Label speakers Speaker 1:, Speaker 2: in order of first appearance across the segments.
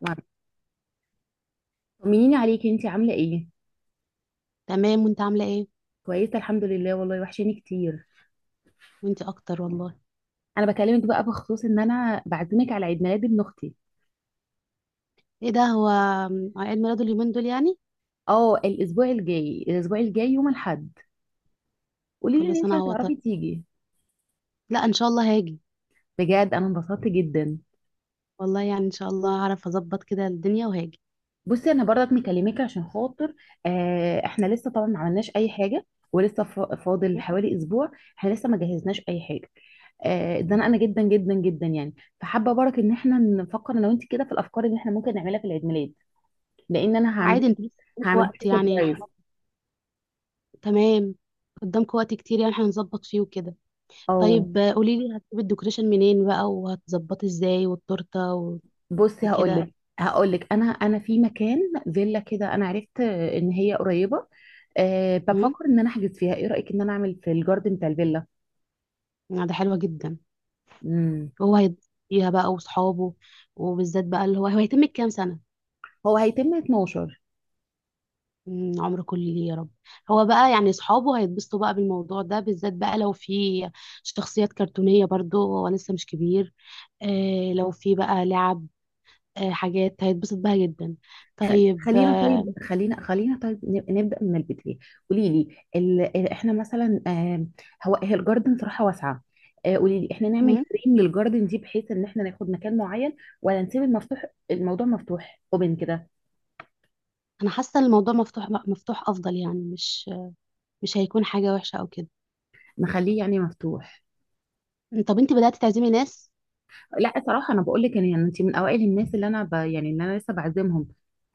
Speaker 1: مع- طمنيني عليكي، انتي عامله ايه؟
Speaker 2: تمام، وانت عاملة ايه؟
Speaker 1: كويسه الحمد لله، والله وحشاني كتير.
Speaker 2: وانت اكتر والله.
Speaker 1: انا بكلمك بقى بخصوص ان انا بعزمك على عيد ميلاد ابن اختي.
Speaker 2: ايه ده؟ هو عيد ميلاده اليومين دول يعني؟
Speaker 1: اه، الاسبوع الجاي، الاسبوع الجاي يوم الاحد. قولي لي
Speaker 2: كل
Speaker 1: ان
Speaker 2: سنة
Speaker 1: انتي
Speaker 2: هو طيب.
Speaker 1: هتعرفي تيجي.
Speaker 2: لا، ان شاء الله هاجي.
Speaker 1: بجد انا انبسطت جدا.
Speaker 2: والله يعني ان شاء الله هعرف اظبط كده الدنيا وهاجي.
Speaker 1: بصي انا برضك مكلمك عشان خاطر احنا لسه طبعا ما عملناش اي حاجه. ولسه فاضل
Speaker 2: م؟
Speaker 1: حوالي اسبوع. احنا لسه ما جهزناش اي حاجه. اتزنقنا جدا جدا جدا يعني. فحابه برك ان احنا نفكر انا وانت كده في الافكار اللي احنا ممكن نعملها في العيد ميلاد، لان انا هعمل.
Speaker 2: عادي، انت لسه قدامك
Speaker 1: هعمله
Speaker 2: وقت
Speaker 1: لك
Speaker 2: يعني
Speaker 1: سربرايز.
Speaker 2: تمام. قدامك وقت كتير يعني هنظبط فيه وكده.
Speaker 1: او
Speaker 2: طيب، قولي لي هتجيبي الديكوريشن منين بقى وهتظبطي ازاي والتورته
Speaker 1: بصي هقول
Speaker 2: وكده.
Speaker 1: لك هقول لك انا في مكان، فيلا كده، انا عرفت ان هي قريبه. أه،
Speaker 2: امم
Speaker 1: بفكر ان انا احجز فيها. ايه رايك ان انا اعمل في الجاردن بتاع الفيلا؟
Speaker 2: ده حلوة جدا،
Speaker 1: امم،
Speaker 2: وهو هيتبسط فيها بقى وصحابه، وبالذات بقى اللي هو هيتم كام سنة؟
Speaker 1: هو هيتم 12.
Speaker 2: عمر كله ليه يا رب. هو بقى يعني اصحابه هيتبسطوا بقى بالموضوع ده، بالذات بقى لو في شخصيات كرتونية برضو، هو لسه مش كبير. لو في بقى لعب، حاجات هيتبسط بها جدا.
Speaker 1: خل-
Speaker 2: طيب
Speaker 1: خلينا طيب خلينا خلينا طيب نبدا من البدايه. قولي لي احنا مثلا، هو هي الجاردن صراحه واسعه. قولي لي احنا نعمل
Speaker 2: مم،
Speaker 1: فريم للجاردن دي بحيث ان احنا ناخد مكان معين، ولا نسيب المفتوح؟ الموضوع مفتوح اوبن كده.
Speaker 2: انا حاسة ان الموضوع مفتوح، مفتوح افضل، يعني مش هيكون حاجة وحشة او كده.
Speaker 1: نخليه يعني مفتوح.
Speaker 2: طب انت بدأت تعزمي ناس؟
Speaker 1: لا صراحة انا بقول لك يعني انت من اوائل الناس اللي انا يعني اللي انا لسه بعزمهم.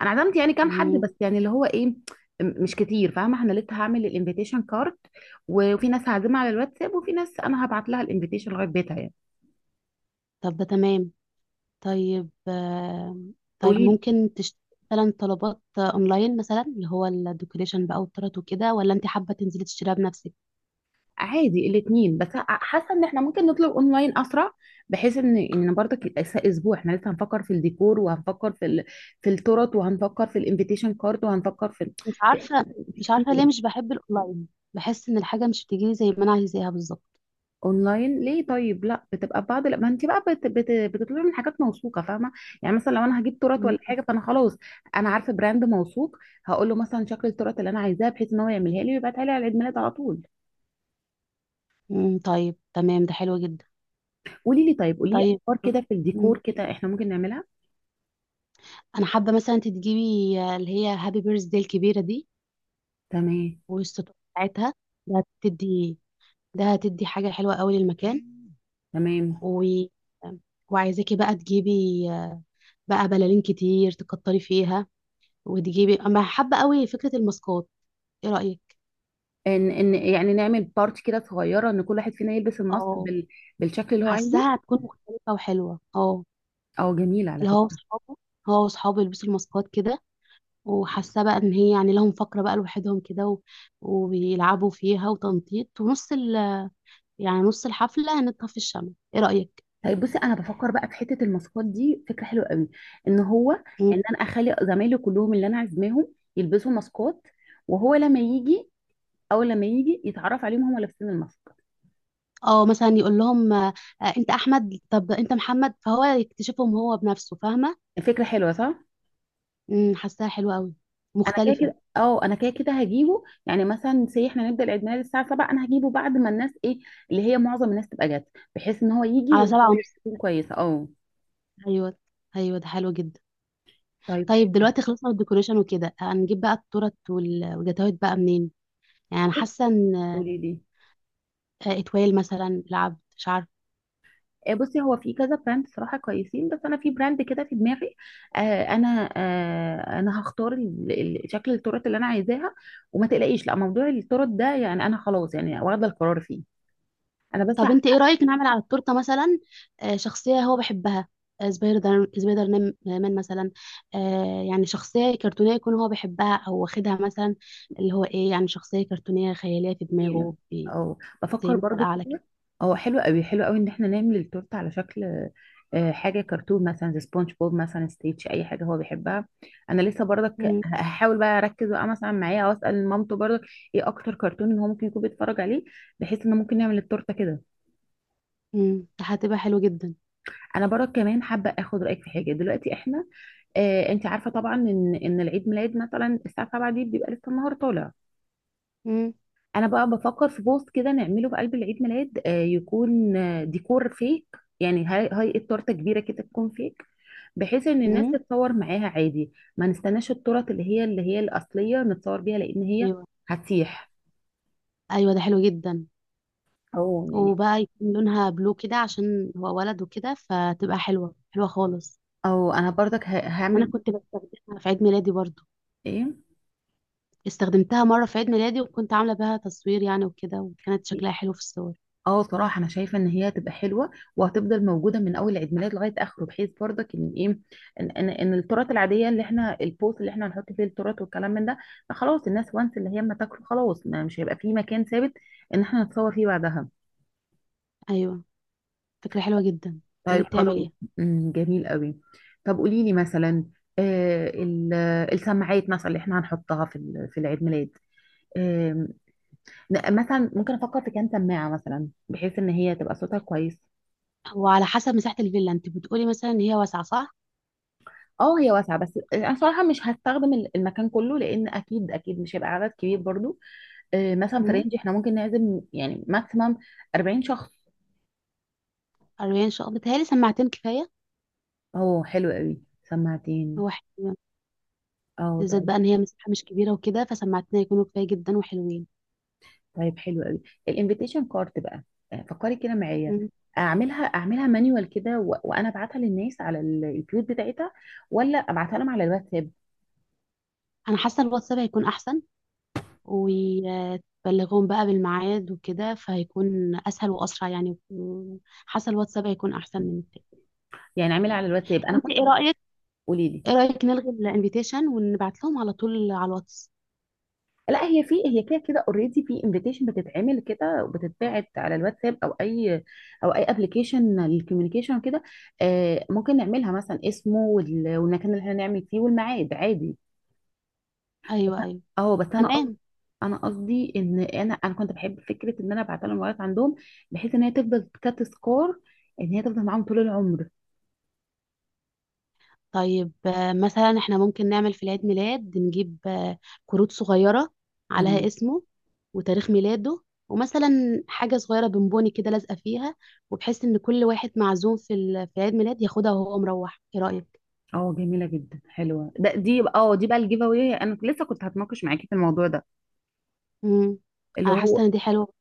Speaker 1: انا عزمت يعني كام حد
Speaker 2: مم،
Speaker 1: بس، يعني اللي هو ايه، مش كتير. فاهمة انا لسه هعمل الانفيتيشن كارد، وفي ناس هعزمها على الواتساب، وفي ناس انا هبعت لها الانفيتيشن لغاية بيتها يعني.
Speaker 2: طب ده تمام. طيب طيب
Speaker 1: قولي لي.
Speaker 2: ممكن تشتري مثلا طلبات اونلاين، مثلا اللي هو الديكوريشن بقى والطرط وكده، ولا انت حابه تنزلي تشتريها بنفسك؟
Speaker 1: عادي الاثنين، بس حاسة ان احنا ممكن نطلب اونلاين اسرع، بحيث ان برضك لسه اسبوع، احنا لسه هنفكر في الديكور، وهنفكر في في التورت، وهنفكر في الانفيتيشن كارد، وهنفكر في،
Speaker 2: مش
Speaker 1: في،
Speaker 2: عارفه.
Speaker 1: في
Speaker 2: مش عارفه ليه
Speaker 1: كتير.
Speaker 2: مش بحب الاونلاين، بحس ان الحاجه مش بتجيلي زي ما انا عايزاها بالظبط.
Speaker 1: اونلاين ليه طيب؟ لا بتبقى بعض، لا ما انت بقى بتطلبي من حاجات موثوقه، فاهمه. يعني مثلا لو انا هجيب تورت
Speaker 2: مم.
Speaker 1: ولا حاجه، فانا خلاص انا عارفه براند موثوق. هقول له مثلا شكل التورت اللي انا عايزاه، بحيث ان هو يعملها لي ويبعتها لي على عيد ميلاد على طول.
Speaker 2: طيب تمام، ده حلو جدا.
Speaker 1: قولي لي طيب، قولي لي
Speaker 2: طيب.
Speaker 1: افكار كده في
Speaker 2: مم.
Speaker 1: الديكور كده احنا ممكن نعملها.
Speaker 2: انا حابه مثلا انت تجيبي اللي هي هابي بيرث داي الكبيره دي
Speaker 1: تمام،
Speaker 2: والستور بتاعتها. ده هتدي ده هتدي حاجه حلوه قوي للمكان
Speaker 1: تمام،
Speaker 2: و... وعايزاكي بقى تجيبي بقى بلالين كتير تكتري فيها، وتجيبي. اما حابه قوي فكره الماسكات، ايه رايك؟
Speaker 1: ان يعني نعمل بارت كده صغيره، ان كل واحد فينا يلبس الماسك
Speaker 2: اه،
Speaker 1: بالشكل اللي هو عايزه.
Speaker 2: حاساها هتكون مختلفه وحلوه، اه.
Speaker 1: اه، جميله على
Speaker 2: اللي هو
Speaker 1: فكره.
Speaker 2: وصحابه هو وصحابه يلبسوا الماسكات كده، وحاسه بقى ان هي يعني لهم فقره بقى لوحدهم كده وبيلعبوا فيها وتنطيط ونص يعني نص الحفله هنطفي الشمع. ايه رايك؟
Speaker 1: طيب بصي، انا بفكر بقى في حته الماسكات دي، فكره حلوه قوي، ان هو
Speaker 2: مم.
Speaker 1: ان انا اخلي زمايلي كلهم اللي انا عازماهم يلبسوا ماسكات، وهو لما يجي، او لما يجي يتعرف عليهم هم لابسين الماسك.
Speaker 2: اه، مثلا يقول لهم انت احمد، طب انت محمد، فهو يكتشفهم هو بنفسه، فاهمه؟
Speaker 1: فكره حلوه، صح؟
Speaker 2: حاساها حلوه قوي،
Speaker 1: انا كده
Speaker 2: مختلفه.
Speaker 1: كده، اه انا كده كده هجيبه. يعني مثلا سي احنا نبدا العيد ميلاد الساعه 7، انا هجيبه بعد ما الناس ايه، اللي هي معظم الناس تبقى جت، بحيث ان هو يجي
Speaker 2: على
Speaker 1: والدنيا
Speaker 2: 7:30.
Speaker 1: تكون كويسه. اه
Speaker 2: ايوه، ايوه، ده حلو جدا.
Speaker 1: طيب
Speaker 2: طيب
Speaker 1: حلو.
Speaker 2: دلوقتي خلصنا من الديكوريشن وكده، هنجيب بقى التورت والجاتوهات بقى منين؟ يعني أنا حاسه
Speaker 1: قولي
Speaker 2: ان
Speaker 1: لي.
Speaker 2: اتويل مثلا العبد، مش عارفه.
Speaker 1: بصي هو في كذا براند صراحة كويسين، بس أنا في براند كده في دماغي. آه أنا أنا هختار شكل التورت اللي أنا عايزاها. وما تقلقيش، لا موضوع التورت ده يعني أنا خلاص يعني واخدة القرار فيه. أنا بس.
Speaker 2: طب انت ايه رايك نعمل على التورته مثلا شخصيه هو بيحبها؟ سبايدر مان مثلا. يعني شخصيه كرتونيه يكون هو بيحبها او واخدها مثلا، اللي هو ايه، يعني شخصيه كرتونيه خياليه في
Speaker 1: جميلة،
Speaker 2: دماغه
Speaker 1: او
Speaker 2: زي
Speaker 1: بفكر
Speaker 2: مثل
Speaker 1: برضو
Speaker 2: اعلى كده.
Speaker 1: كده. هو حلو قوي، حلو قوي ان احنا نعمل التورته على شكل، حاجه كرتون مثلا، زي سبونج بوب مثلا، ستيتش، اي حاجه هو بيحبها. انا لسه برضك هحاول بقى اركز بقى مثلا معاه، او اسال مامته برضك ايه اكتر كرتون ان هو ممكن يكون بيتفرج عليه، بحيث ان ممكن نعمل التورته كده.
Speaker 2: هتبقى حلو جدا.
Speaker 1: انا برضك كمان حابه اخد رايك في حاجه. دلوقتي احنا، انت عارفه طبعا ان العيد ميلاد مثلا الساعه 7 دي بيبقى لسه النهار طالع.
Speaker 2: امم
Speaker 1: انا بقى بفكر في بوست كده نعمله في قلب العيد ميلاد، يكون ديكور فيك. يعني هاي التورته كبيره كده تكون فيك، بحيث ان الناس تتصور معاها عادي. ما نستناش التورت اللي هي الاصليه نتصور بيها، لان هي
Speaker 2: ايوه،
Speaker 1: هتسيح.
Speaker 2: ايوه، ده حلو جدا.
Speaker 1: أو يعني،
Speaker 2: وبقى يكون لونها بلو كده عشان هو ولد وكده، فتبقى حلوة حلوة خالص.
Speaker 1: او انا برضك
Speaker 2: يعني أنا
Speaker 1: هعمل
Speaker 2: كنت بستخدمها في عيد ميلادي برضو،
Speaker 1: ايه.
Speaker 2: استخدمتها مرة في عيد ميلادي وكنت عاملة بها تصوير يعني وكده، وكانت شكلها حلو في الصور.
Speaker 1: اه صراحة انا شايفة ان هي هتبقى حلوة، وهتفضل موجودة من اول عيد ميلاد لغاية اخره، بحيث برضك ان ايه، إن التورت العادية اللي احنا، البوست اللي احنا هنحط فيه التورت والكلام من ده، فخلاص الناس وانس اللي هي ما تاكله خلاص، ما مش هيبقى فيه مكان ثابت ان احنا نتصور فيه بعدها.
Speaker 2: أيوة، فكرة حلوة جدا. يا
Speaker 1: طيب
Speaker 2: ريت
Speaker 1: خلاص.
Speaker 2: تعمليها.
Speaker 1: جميل قوي. طب قولي لي مثلا، آه ال- السماعات مثلا اللي احنا هنحطها في في العيد ميلاد، آم، مثلا ممكن افكر في كام سماعة، مثلا بحيث ان هي تبقى صوتها كويس.
Speaker 2: وعلى حسب مساحة الفيلا، أنت بتقولي مثلا إن هي واسعة، صح؟
Speaker 1: اه هي واسعه، بس انا صراحه مش هستخدم المكان كله، لان اكيد اكيد مش هيبقى عدد كبير برضو. مثلا في
Speaker 2: امم
Speaker 1: رينج احنا ممكن نعزم يعني ماكسيمم 40 شخص.
Speaker 2: 40 شقة بتهيألي سماعتين كفاية.
Speaker 1: اه حلو قوي، سماعتين.
Speaker 2: هو حلو.
Speaker 1: اه
Speaker 2: بالذات
Speaker 1: طيب.
Speaker 2: بقى إن هي مساحة مش كبيرة وكده، فسماعتين هيكونوا كفاية جدا وحلوين.
Speaker 1: طيب حلو قوي. الانفيتيشن كارت بقى، فكري كده معايا.
Speaker 2: مم.
Speaker 1: اعملها، اعملها مانيوال كده، وانا ابعتها للناس على البيوت بتاعتها، ولا ابعتها لهم على الواتساب؟
Speaker 2: أنا حاسة الواتساب هيكون أحسن، وتبلغهم بقى بالميعاد وكده، فهيكون اسهل واسرع يعني. حاسه الواتساب هيكون احسن من التاني.
Speaker 1: يعني اعملها على الواتساب،
Speaker 2: طب
Speaker 1: انا
Speaker 2: انت
Speaker 1: كنت.
Speaker 2: ايه رايك
Speaker 1: قولي لي.
Speaker 2: ايه رايك نلغي الانفيتيشن ونبعت لهم على طول على الواتس؟
Speaker 1: لا هي في، هي كده كده اوريدي في انفيتيشن بتتعمل كده وبتتبعت على الواتساب، او اي، او اي ابلكيشن للكوميونيكيشن كده. آه ممكن نعملها مثلا اسمه والمكان اللي احنا نعمل فيه والميعاد، عادي. بس
Speaker 2: ايوه، ايوه،
Speaker 1: اه بس انا قصدي،
Speaker 2: تمام.
Speaker 1: انا قصدي ان انا كنت بحب فكره ان انا ابعت لهم الموبايلات عندهم، بحيث ان هي تفضل كتذكار، ان هي تفضل معاهم طول العمر.
Speaker 2: طيب مثلا احنا ممكن نعمل في العيد ميلاد، نجيب كروت صغيره عليها
Speaker 1: تمام.
Speaker 2: اسمه وتاريخ ميلاده، ومثلا حاجه صغيره بونبوني كده لازقه فيها، وبحيث ان كل واحد معزوم في عيد ميلاد ياخدها وهو مروح، ايه رايك؟
Speaker 1: اه جميله جدا، حلوه ده، دي اه دي بقى الجيف اواي، انا لسه كنت هتناقش معاكي في الموضوع ده،
Speaker 2: امم
Speaker 1: اللي
Speaker 2: انا حاسه
Speaker 1: هو،
Speaker 2: ان دي حلوه،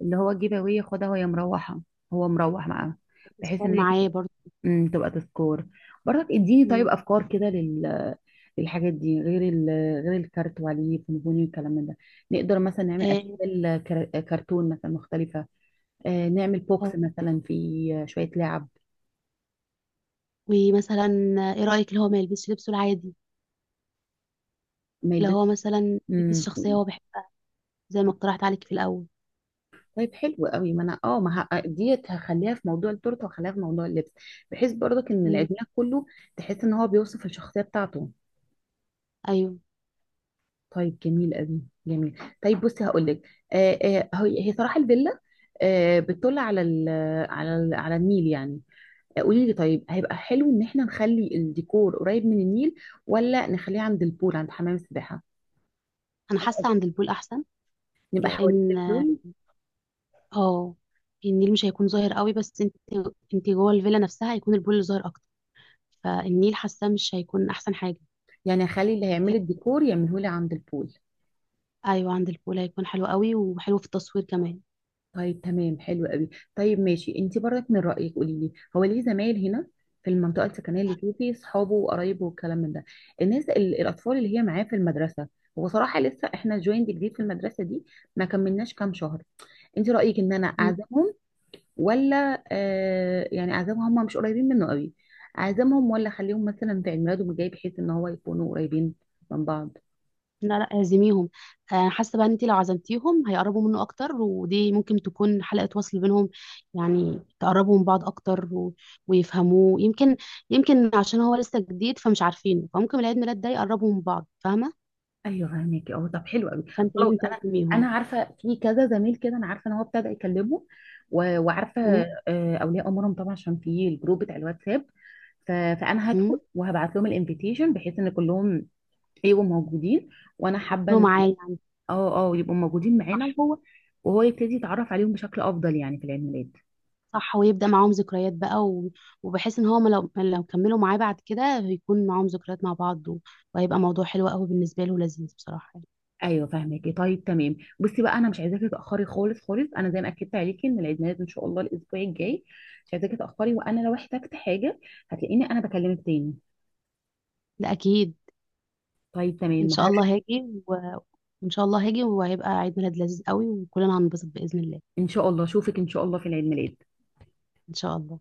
Speaker 1: اللي هو الجيب اواي، خدها وهي مروحه، هو مروح معاها، بحيث
Speaker 2: تذكار
Speaker 1: ان هي
Speaker 2: معاه
Speaker 1: تبقى،
Speaker 2: برضه.
Speaker 1: تبقى تذكار. برضك اديني طيب
Speaker 2: مم.
Speaker 1: افكار كده لل، للحاجات دي، غير غير الكارت وعليه فونفوني والكلام من ده. نقدر مثلا نعمل
Speaker 2: اه.
Speaker 1: اشكال كرتون مثلا مختلفه. آه نعمل بوكس
Speaker 2: آه.
Speaker 1: مثلا فيه شويه لعب.
Speaker 2: ومثلا ايه رأيك اللي هو ما يلبسش لبسه العادي،
Speaker 1: ما
Speaker 2: اللي
Speaker 1: يلبس.
Speaker 2: هو مثلا يلبس
Speaker 1: أمم،
Speaker 2: شخصية هو بيحبها، زي ما اقترحت عليك في الأول.
Speaker 1: طيب حلو قوي. ما انا اه ما ديت هخليها في موضوع التورته وهخليها في موضوع اللبس، بحيث برضك ان
Speaker 2: مم.
Speaker 1: العيدميلاد كله تحس ان هو بيوصف الشخصيه بتاعته.
Speaker 2: ايوه.
Speaker 1: طيب جميل قوي. جميل. طيب بصي هقول لك، هي، هي صراحه الفيلا، آه بتطل على ال، على ال، على النيل يعني. قولي لي طيب، هيبقى حلو ان احنا نخلي الديكور قريب من النيل، ولا نخليه عند البول، عند حمام السباحه؟
Speaker 2: انا
Speaker 1: أنا
Speaker 2: حاسة
Speaker 1: قصدي
Speaker 2: عند البول احسن،
Speaker 1: نبقى حوالين
Speaker 2: لان
Speaker 1: البول.
Speaker 2: آه، النيل مش هيكون ظاهر قوي، بس انت جوه الفيلا نفسها هيكون البول اللي ظاهر اكتر، فالنيل حاسة مش هيكون احسن حاجة.
Speaker 1: يعني اخلي اللي هيعمل
Speaker 2: آه،
Speaker 1: الديكور يعمله لي عند البول.
Speaker 2: ايوه، عند البول هيكون حلو قوي وحلو في التصوير كمان.
Speaker 1: طيب تمام حلو قوي. طيب ماشي، انت برضك من رأيك قولي لي، هو ليه زمايل هنا في المنطقة السكنية اللي فيه، فيه صحابه وقرايبه والكلام من ده. الناس الأطفال اللي هي معاه في المدرسة، هو صراحة لسه احنا جويند جديد في المدرسة دي، ما كملناش كام شهر. انت رأيك ان انا اعزمهم، ولا آه يعني اعزمهم، هم مش قريبين منه قوي. اعزمهم، ولا اخليهم مثلا في عيد ميلاده الجاي بحيث ان هو يكونوا قريبين من بعض؟
Speaker 2: لا، لا، اعزميهم. حاسه بقى ان انت لو عزمتيهم هيقربوا منه اكتر، ودي ممكن تكون حلقه وصل بينهم، يعني تقربوا من بعض اكتر ويفهموه، يمكن عشان هو لسه جديد فمش عارفينه، فممكن العيد ميلاد ده يقربوا من بعض، فاهمه؟
Speaker 1: ايوه فهمك، اه طب حلو قوي.
Speaker 2: فانت
Speaker 1: خلاص،
Speaker 2: لازم
Speaker 1: انا، انا
Speaker 2: تعزميهم.
Speaker 1: عارفه في كذا زميل كده، انا عارفه ان هو ابتدى يكلمه وعارفه،
Speaker 2: م-
Speaker 1: اولياء امورهم طبعا عشان في الجروب بتاع الواتساب. فانا هدخل
Speaker 2: م-
Speaker 1: وهبعت لهم الانفيتيشن، بحيث ان كلهم يبقوا موجودين. وانا حابه
Speaker 2: يكونوا
Speaker 1: ان،
Speaker 2: معاه يعني.
Speaker 1: اه اه يبقوا موجودين
Speaker 2: صح،
Speaker 1: معانا، وهو يبتدي يتعرف عليهم بشكل افضل يعني في العيد ميلاد.
Speaker 2: صح، ويبدا معاهم ذكريات بقى وبحيث ان هو ما لو كملوا معاه بعد كده هيكون معاهم ذكريات مع بعض وهيبقى موضوع حلو قوي بالنسبه له ولذيذ بصراحه يعني.
Speaker 1: ايوه فاهمكي، طيب تمام. بصي بقى، انا مش عايزاكي تاخري خالص خالص، انا زي ما اكدت عليكي ان العيد ميلاد ان شاء الله الاسبوع الجاي، مش عايزاكي تاخري. وانا لو احتجت حاجه هتلاقيني انا بكلمك تاني.
Speaker 2: ده اكيد.
Speaker 1: طيب تمام،
Speaker 2: ان شاء الله هاجي ان شاء الله هاجي وهيبقى عيد ميلاد لذيذ قوي وكلنا هننبسط باذن الله.
Speaker 1: ان شاء الله اشوفك ان شاء الله في العيد ميلاد.
Speaker 2: ان شاء الله.